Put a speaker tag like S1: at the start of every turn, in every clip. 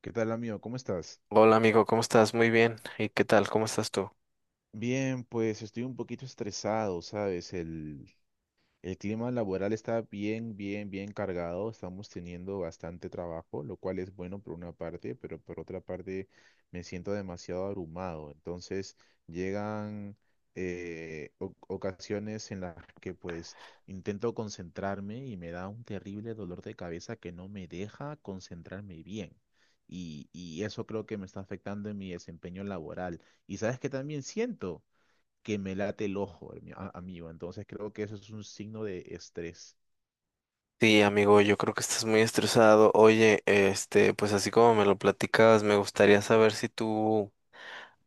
S1: ¿Qué tal, amigo? ¿Cómo estás?
S2: Hola amigo, ¿cómo estás? Muy bien. ¿Y qué tal? ¿Cómo estás tú?
S1: Bien, pues estoy un poquito estresado, ¿sabes? El clima laboral está bien, bien, bien cargado. Estamos teniendo bastante trabajo, lo cual es bueno por una parte, pero por otra parte me siento demasiado abrumado. Entonces llegan ocasiones en las que pues intento concentrarme y me da un terrible dolor de cabeza que no me deja concentrarme bien. Y eso creo que me está afectando en mi desempeño laboral. ¿Y sabes qué también siento? Que me late el ojo, amigo. Entonces creo que eso es un signo de estrés.
S2: Sí, amigo, yo creo que estás muy estresado. Oye, este, pues así como me lo platicabas, me gustaría saber si tú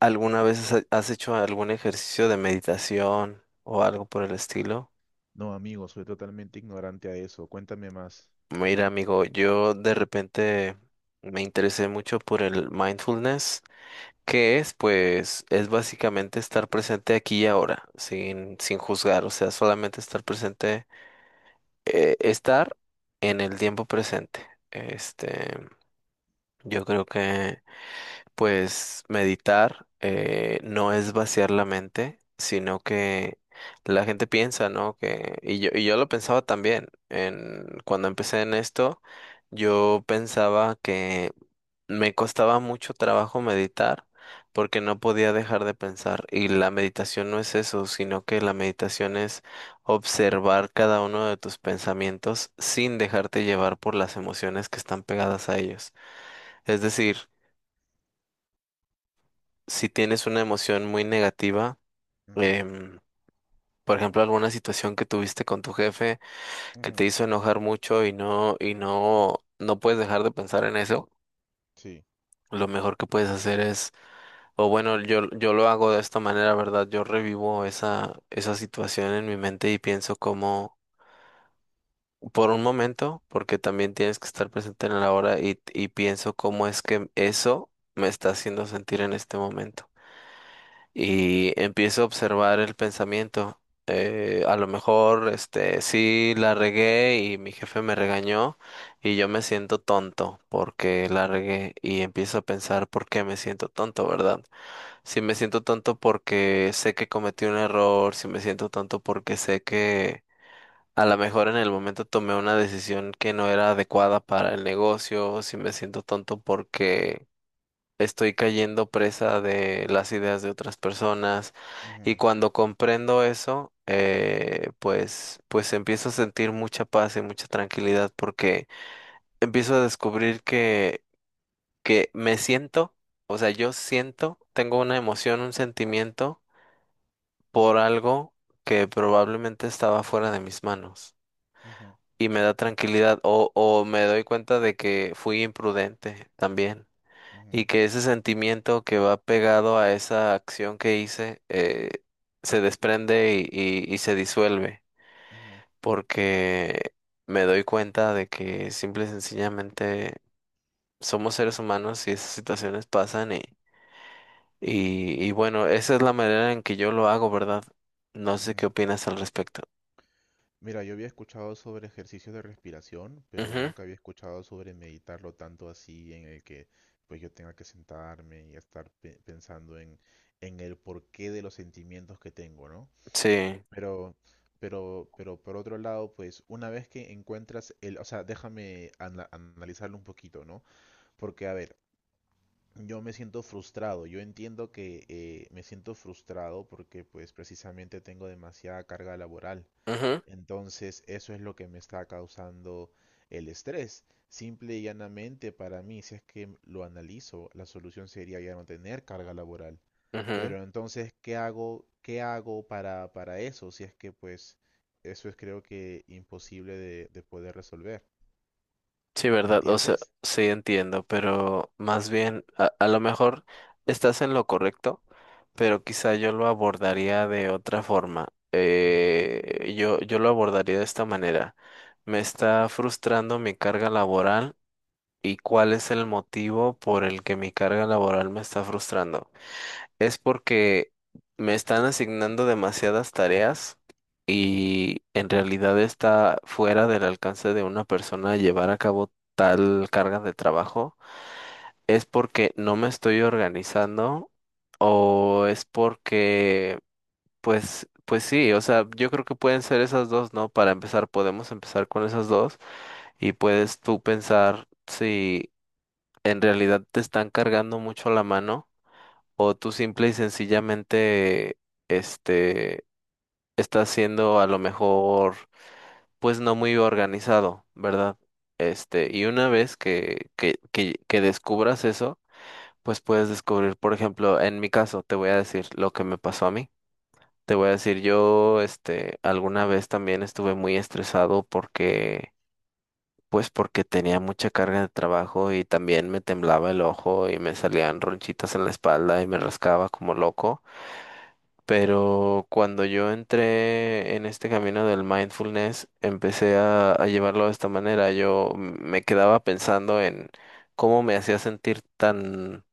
S2: alguna vez has hecho algún ejercicio de meditación o algo por el estilo.
S1: No, amigo, soy totalmente ignorante a eso. Cuéntame más.
S2: Mira, amigo, yo de repente me interesé mucho por el mindfulness, que es, pues, es básicamente estar presente aquí y ahora, sin juzgar, o sea, solamente estar presente estar en el tiempo presente. Este, yo creo que, pues, meditar no es vaciar la mente, sino que la gente piensa, ¿no? Y yo lo pensaba también. Cuando empecé en esto, yo pensaba que me costaba mucho trabajo meditar porque no podía dejar de pensar y la meditación no es eso, sino que la meditación es observar cada uno de tus pensamientos sin dejarte llevar por las emociones que están pegadas a ellos. Es decir, si tienes una emoción muy negativa,
S1: Ujú,
S2: em, por ejemplo, alguna situación que tuviste con tu jefe que
S1: ujú,
S2: te hizo enojar mucho y no puedes dejar de pensar en eso,
S1: sí,
S2: lo mejor que puedes hacer es. O bueno, yo lo hago de esta manera, ¿verdad? Yo revivo esa situación en mi mente y pienso como, por un momento, porque también tienes que estar presente en la hora y pienso cómo es que eso me está haciendo sentir en este momento. Y empiezo a observar el pensamiento. A lo mejor, este, sí la regué y mi jefe me regañó y yo me siento tonto porque la regué y empiezo a pensar por qué me siento tonto, ¿verdad? Si me siento tonto porque sé que cometí un error, si me siento tonto porque sé que a lo mejor en el momento tomé una decisión que no era adecuada para el negocio, si me siento tonto porque estoy cayendo presa de las ideas de otras personas. Y
S1: ujú,
S2: cuando comprendo eso, pues, empiezo a sentir mucha paz y mucha tranquilidad porque empiezo a descubrir que me siento, o sea, yo siento, tengo una emoción, un sentimiento por algo que probablemente estaba fuera de mis manos
S1: ujú,
S2: y me da tranquilidad o me doy cuenta de que fui imprudente también y
S1: ujú,
S2: que ese sentimiento que va pegado a esa acción que hice se desprende y se disuelve
S1: ujú,
S2: porque me doy cuenta de que simple y sencillamente somos seres humanos y esas situaciones pasan y bueno, esa es la manera en que yo lo hago, ¿verdad? No sé qué
S1: ujú.
S2: opinas al respecto.
S1: Mira, yo había escuchado sobre ejercicios de respiración, pero
S2: Ujú.
S1: nunca había escuchado sobre meditarlo tanto así en el que pues yo tenga que sentarme y estar pensando en el porqué de los sentimientos que tengo, ¿no?
S2: Sí,
S1: Pero, pero por otro lado, pues una vez que encuentras el, o sea, déjame analizarlo un poquito, ¿no? Porque, a ver, yo me siento frustrado, yo entiendo que me siento frustrado porque pues precisamente tengo demasiada carga laboral,
S2: ujú,
S1: entonces, eso es lo que me está causando el estrés. Simple y llanamente para mí, si es que lo analizo, la solución sería ya no tener carga laboral.
S2: ujú.
S1: Pero entonces, qué hago para eso? Si es que pues eso es creo que imposible de poder resolver.
S2: Sí,
S1: ¿Me
S2: verdad, o sea,
S1: entiendes?
S2: sí entiendo, pero más bien, a lo mejor estás en lo correcto, pero quizá yo lo abordaría de otra forma.
S1: Ujú,
S2: Yo lo abordaría de esta manera. Me está frustrando mi carga laboral y cuál es el motivo por el que mi carga laboral me está frustrando. Es porque me están asignando demasiadas tareas
S1: ujú,
S2: y en realidad está fuera del alcance de una persona llevar a cabo tal carga de trabajo. Es porque no me estoy organizando o es porque, pues, sí, o sea, yo creo que pueden ser esas dos, ¿no? Para empezar, podemos empezar con esas dos y puedes tú pensar si en realidad te están cargando mucho la mano o tú simple y sencillamente, este, estás siendo a lo mejor, pues no muy organizado, ¿verdad? Este, y una vez que descubras eso, pues puedes
S1: ujú.
S2: descubrir, por ejemplo, en mi caso, te voy a decir lo que me pasó a mí. Te voy a decir, yo, este, alguna vez también estuve muy estresado porque, pues porque tenía mucha carga de trabajo y también me temblaba el ojo y me salían ronchitas en la espalda y me rascaba como loco. Pero cuando yo entré en este camino del mindfulness, empecé a llevarlo de esta manera. Yo me quedaba pensando en cómo me hacía sentir tan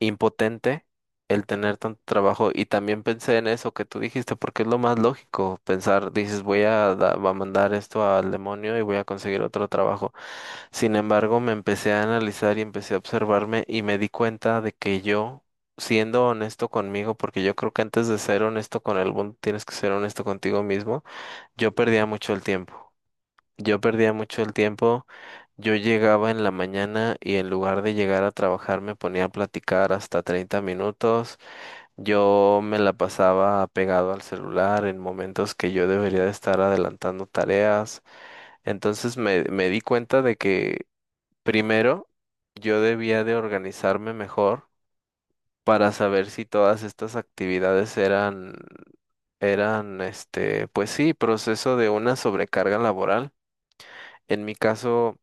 S2: impotente el tener tanto trabajo. Y también pensé en eso que tú dijiste, porque es lo más lógico pensar, dices, voy a mandar esto al demonio y voy a conseguir otro trabajo. Sin embargo, me empecé a analizar y empecé a observarme y me di cuenta de que yo, siendo honesto conmigo, porque yo creo que antes de ser honesto con el mundo tienes que ser honesto contigo mismo, yo perdía mucho el tiempo. Yo perdía mucho el tiempo. Yo llegaba en la mañana y en lugar de llegar a trabajar me ponía a platicar hasta 30 minutos. Yo me la pasaba pegado al celular en momentos que yo debería de estar adelantando tareas. Entonces me di cuenta de que primero, yo debía de organizarme mejor para saber si todas estas actividades este, pues sí, proceso de una sobrecarga laboral. En mi caso,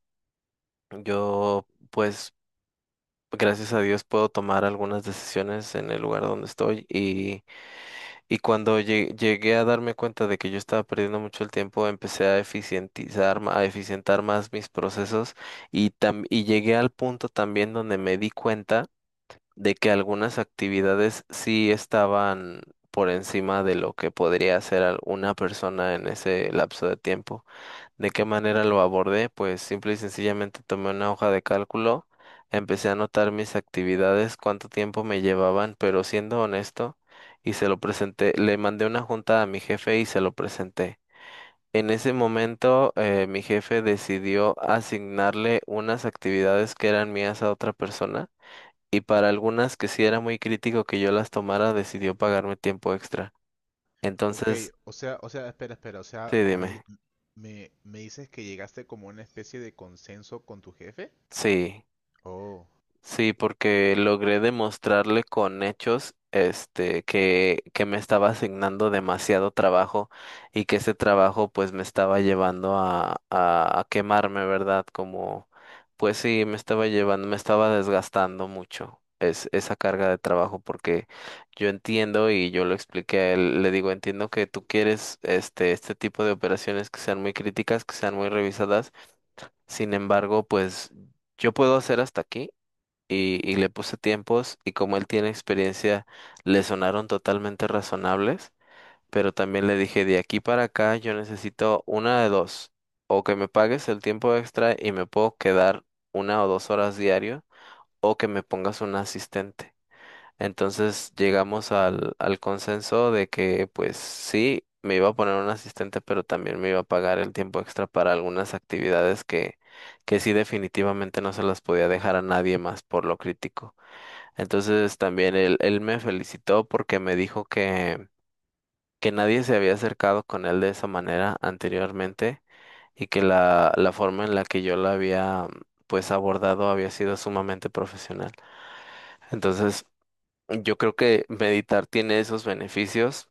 S2: yo, pues, gracias a Dios puedo tomar algunas decisiones en el lugar donde estoy y cuando llegué a darme cuenta de que yo estaba perdiendo mucho el tiempo, empecé a eficientar más mis procesos y llegué al punto también donde me di cuenta de que algunas actividades sí estaban por encima de lo que podría hacer una persona en ese lapso de tiempo. ¿De qué manera lo abordé? Pues simple y sencillamente tomé una hoja de cálculo, empecé a anotar mis actividades, cuánto tiempo me llevaban, pero siendo honesto, y se lo presenté, le mandé una junta a mi jefe y se lo presenté. En ese momento, mi jefe decidió asignarle unas actividades que eran mías a otra persona y para algunas que sí era muy crítico que yo las tomara, decidió pagarme tiempo extra.
S1: Ok,
S2: Entonces,
S1: o sea, espera, espera, o sea,
S2: sí, dime.
S1: me dices que llegaste como a una especie de consenso con tu jefe.
S2: Sí.
S1: Oh.
S2: Sí, porque logré demostrarle con hechos, este, que me estaba asignando demasiado trabajo y que ese trabajo pues me estaba llevando a quemarme, ¿verdad? Como, pues sí, me estaba llevando, me estaba desgastando mucho esa carga de trabajo porque yo entiendo y yo lo expliqué a él, le digo, entiendo que tú quieres este, este tipo de operaciones que sean muy críticas, que sean muy revisadas, sin embargo, pues yo puedo hacer hasta aquí y le puse tiempos y como él tiene experiencia, le sonaron totalmente razonables, pero también le dije, de aquí para acá yo necesito una de dos, o que me pagues el tiempo extra y me puedo quedar 1 o 2 horas diario, o que me pongas un asistente. Entonces llegamos al consenso de que pues sí, me iba a poner un asistente, pero también me iba a pagar el tiempo extra para algunas actividades que sí definitivamente no se las podía dejar a nadie más por lo crítico. Entonces también él me felicitó porque me dijo que nadie se había acercado con él de esa manera anteriormente y que la forma en la que yo la había pues abordado había sido sumamente profesional. Entonces yo creo que meditar tiene esos beneficios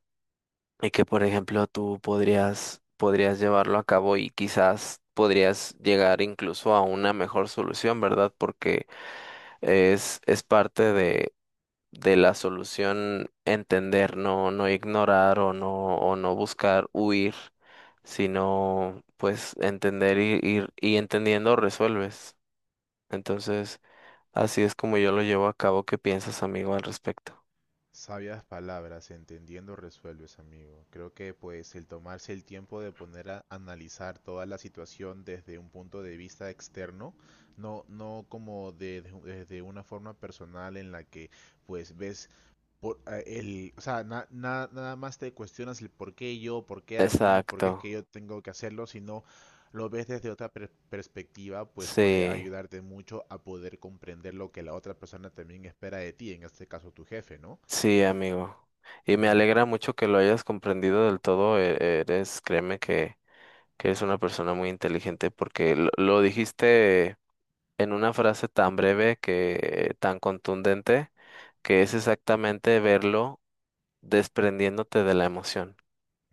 S2: y que por ejemplo tú podrías llevarlo a cabo y quizás podrías llegar incluso a una mejor solución, ¿verdad? Porque es parte de la solución entender, no ignorar o no buscar huir, sino pues entender y, ir y entendiendo resuelves. Entonces, así es como yo lo llevo a cabo. ¿Qué piensas, amigo, al respecto?
S1: Sabias palabras, entendiendo resuelves, amigo. Creo que pues el tomarse el tiempo de poner a analizar toda la situación desde un punto de vista externo, no, no como desde una forma personal en la que pues ves por el, o sea, na- na- nada más te cuestionas el por qué yo, por qué a mí, por qué es
S2: Exacto.
S1: que yo tengo que hacerlo, sino lo ves desde otra perspectiva, pues puede
S2: Sí,
S1: ayudarte mucho a poder comprender lo que la otra persona también espera de ti, en este caso tu jefe, ¿no?
S2: sí, amigo. Y me
S1: Ujú,
S2: alegra mucho que lo hayas comprendido del todo. Eres, créeme que eres una persona muy inteligente porque lo dijiste en una frase tan breve que tan contundente, que es exactamente verlo desprendiéndote de la emoción.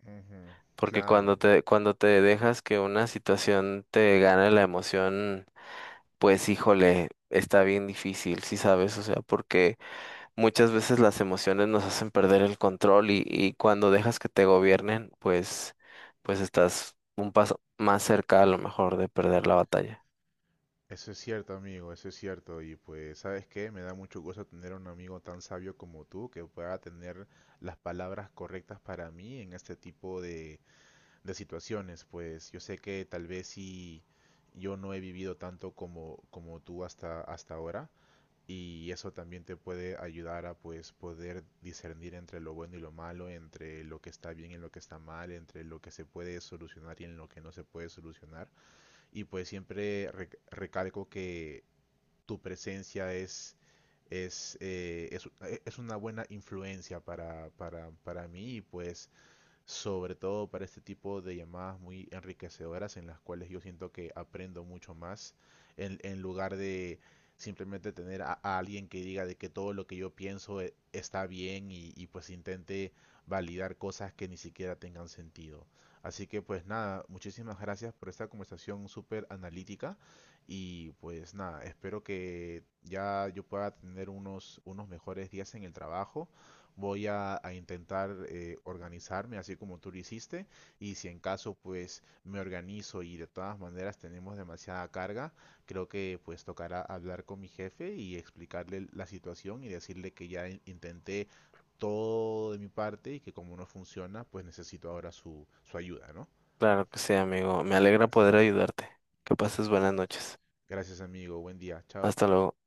S1: ujú,
S2: Porque
S1: claro,
S2: cuando te dejas que una situación te gane la emoción, pues híjole, está bien difícil, ¿sí sabes? O sea, porque muchas veces las emociones nos hacen perder el control y cuando dejas que te gobiernen, pues, estás un paso más cerca a lo mejor de perder la batalla.
S1: eso es cierto, amigo, eso es cierto. Y pues, ¿sabes qué? Me da mucho gusto tener un amigo tan sabio como tú que pueda tener las palabras correctas para mí en este tipo de situaciones. Pues yo sé que tal vez si yo no he vivido tanto como, como tú hasta, hasta ahora, y eso también te puede ayudar a pues poder discernir entre lo bueno y lo malo, entre lo que está bien y lo que está mal, entre lo que se puede solucionar y en lo que no se puede solucionar. Y pues siempre recalco que tu presencia es, es una buena influencia para mí y pues sobre todo para este tipo de llamadas muy enriquecedoras en las cuales yo siento que aprendo mucho más en lugar de simplemente tener a alguien que diga de que todo lo que yo pienso está bien y pues intente validar cosas que ni siquiera tengan sentido. Así que pues nada, muchísimas gracias por esta conversación súper analítica y pues nada, espero que ya yo pueda tener unos, unos mejores días en el trabajo. Voy a intentar organizarme así como tú lo hiciste y si en caso pues me organizo y de todas maneras tenemos demasiada carga, creo que pues tocará hablar con mi jefe y explicarle la situación y decirle que ya intenté todo de mi parte y que como no funciona pues necesito ahora su, su ayuda, ¿no?
S2: Claro que sí, amigo. Me alegra
S1: Gracias, am-
S2: poder ayudarte. Que pases buenas noches.
S1: gracias, amigo, buen día, chao.
S2: Hasta luego.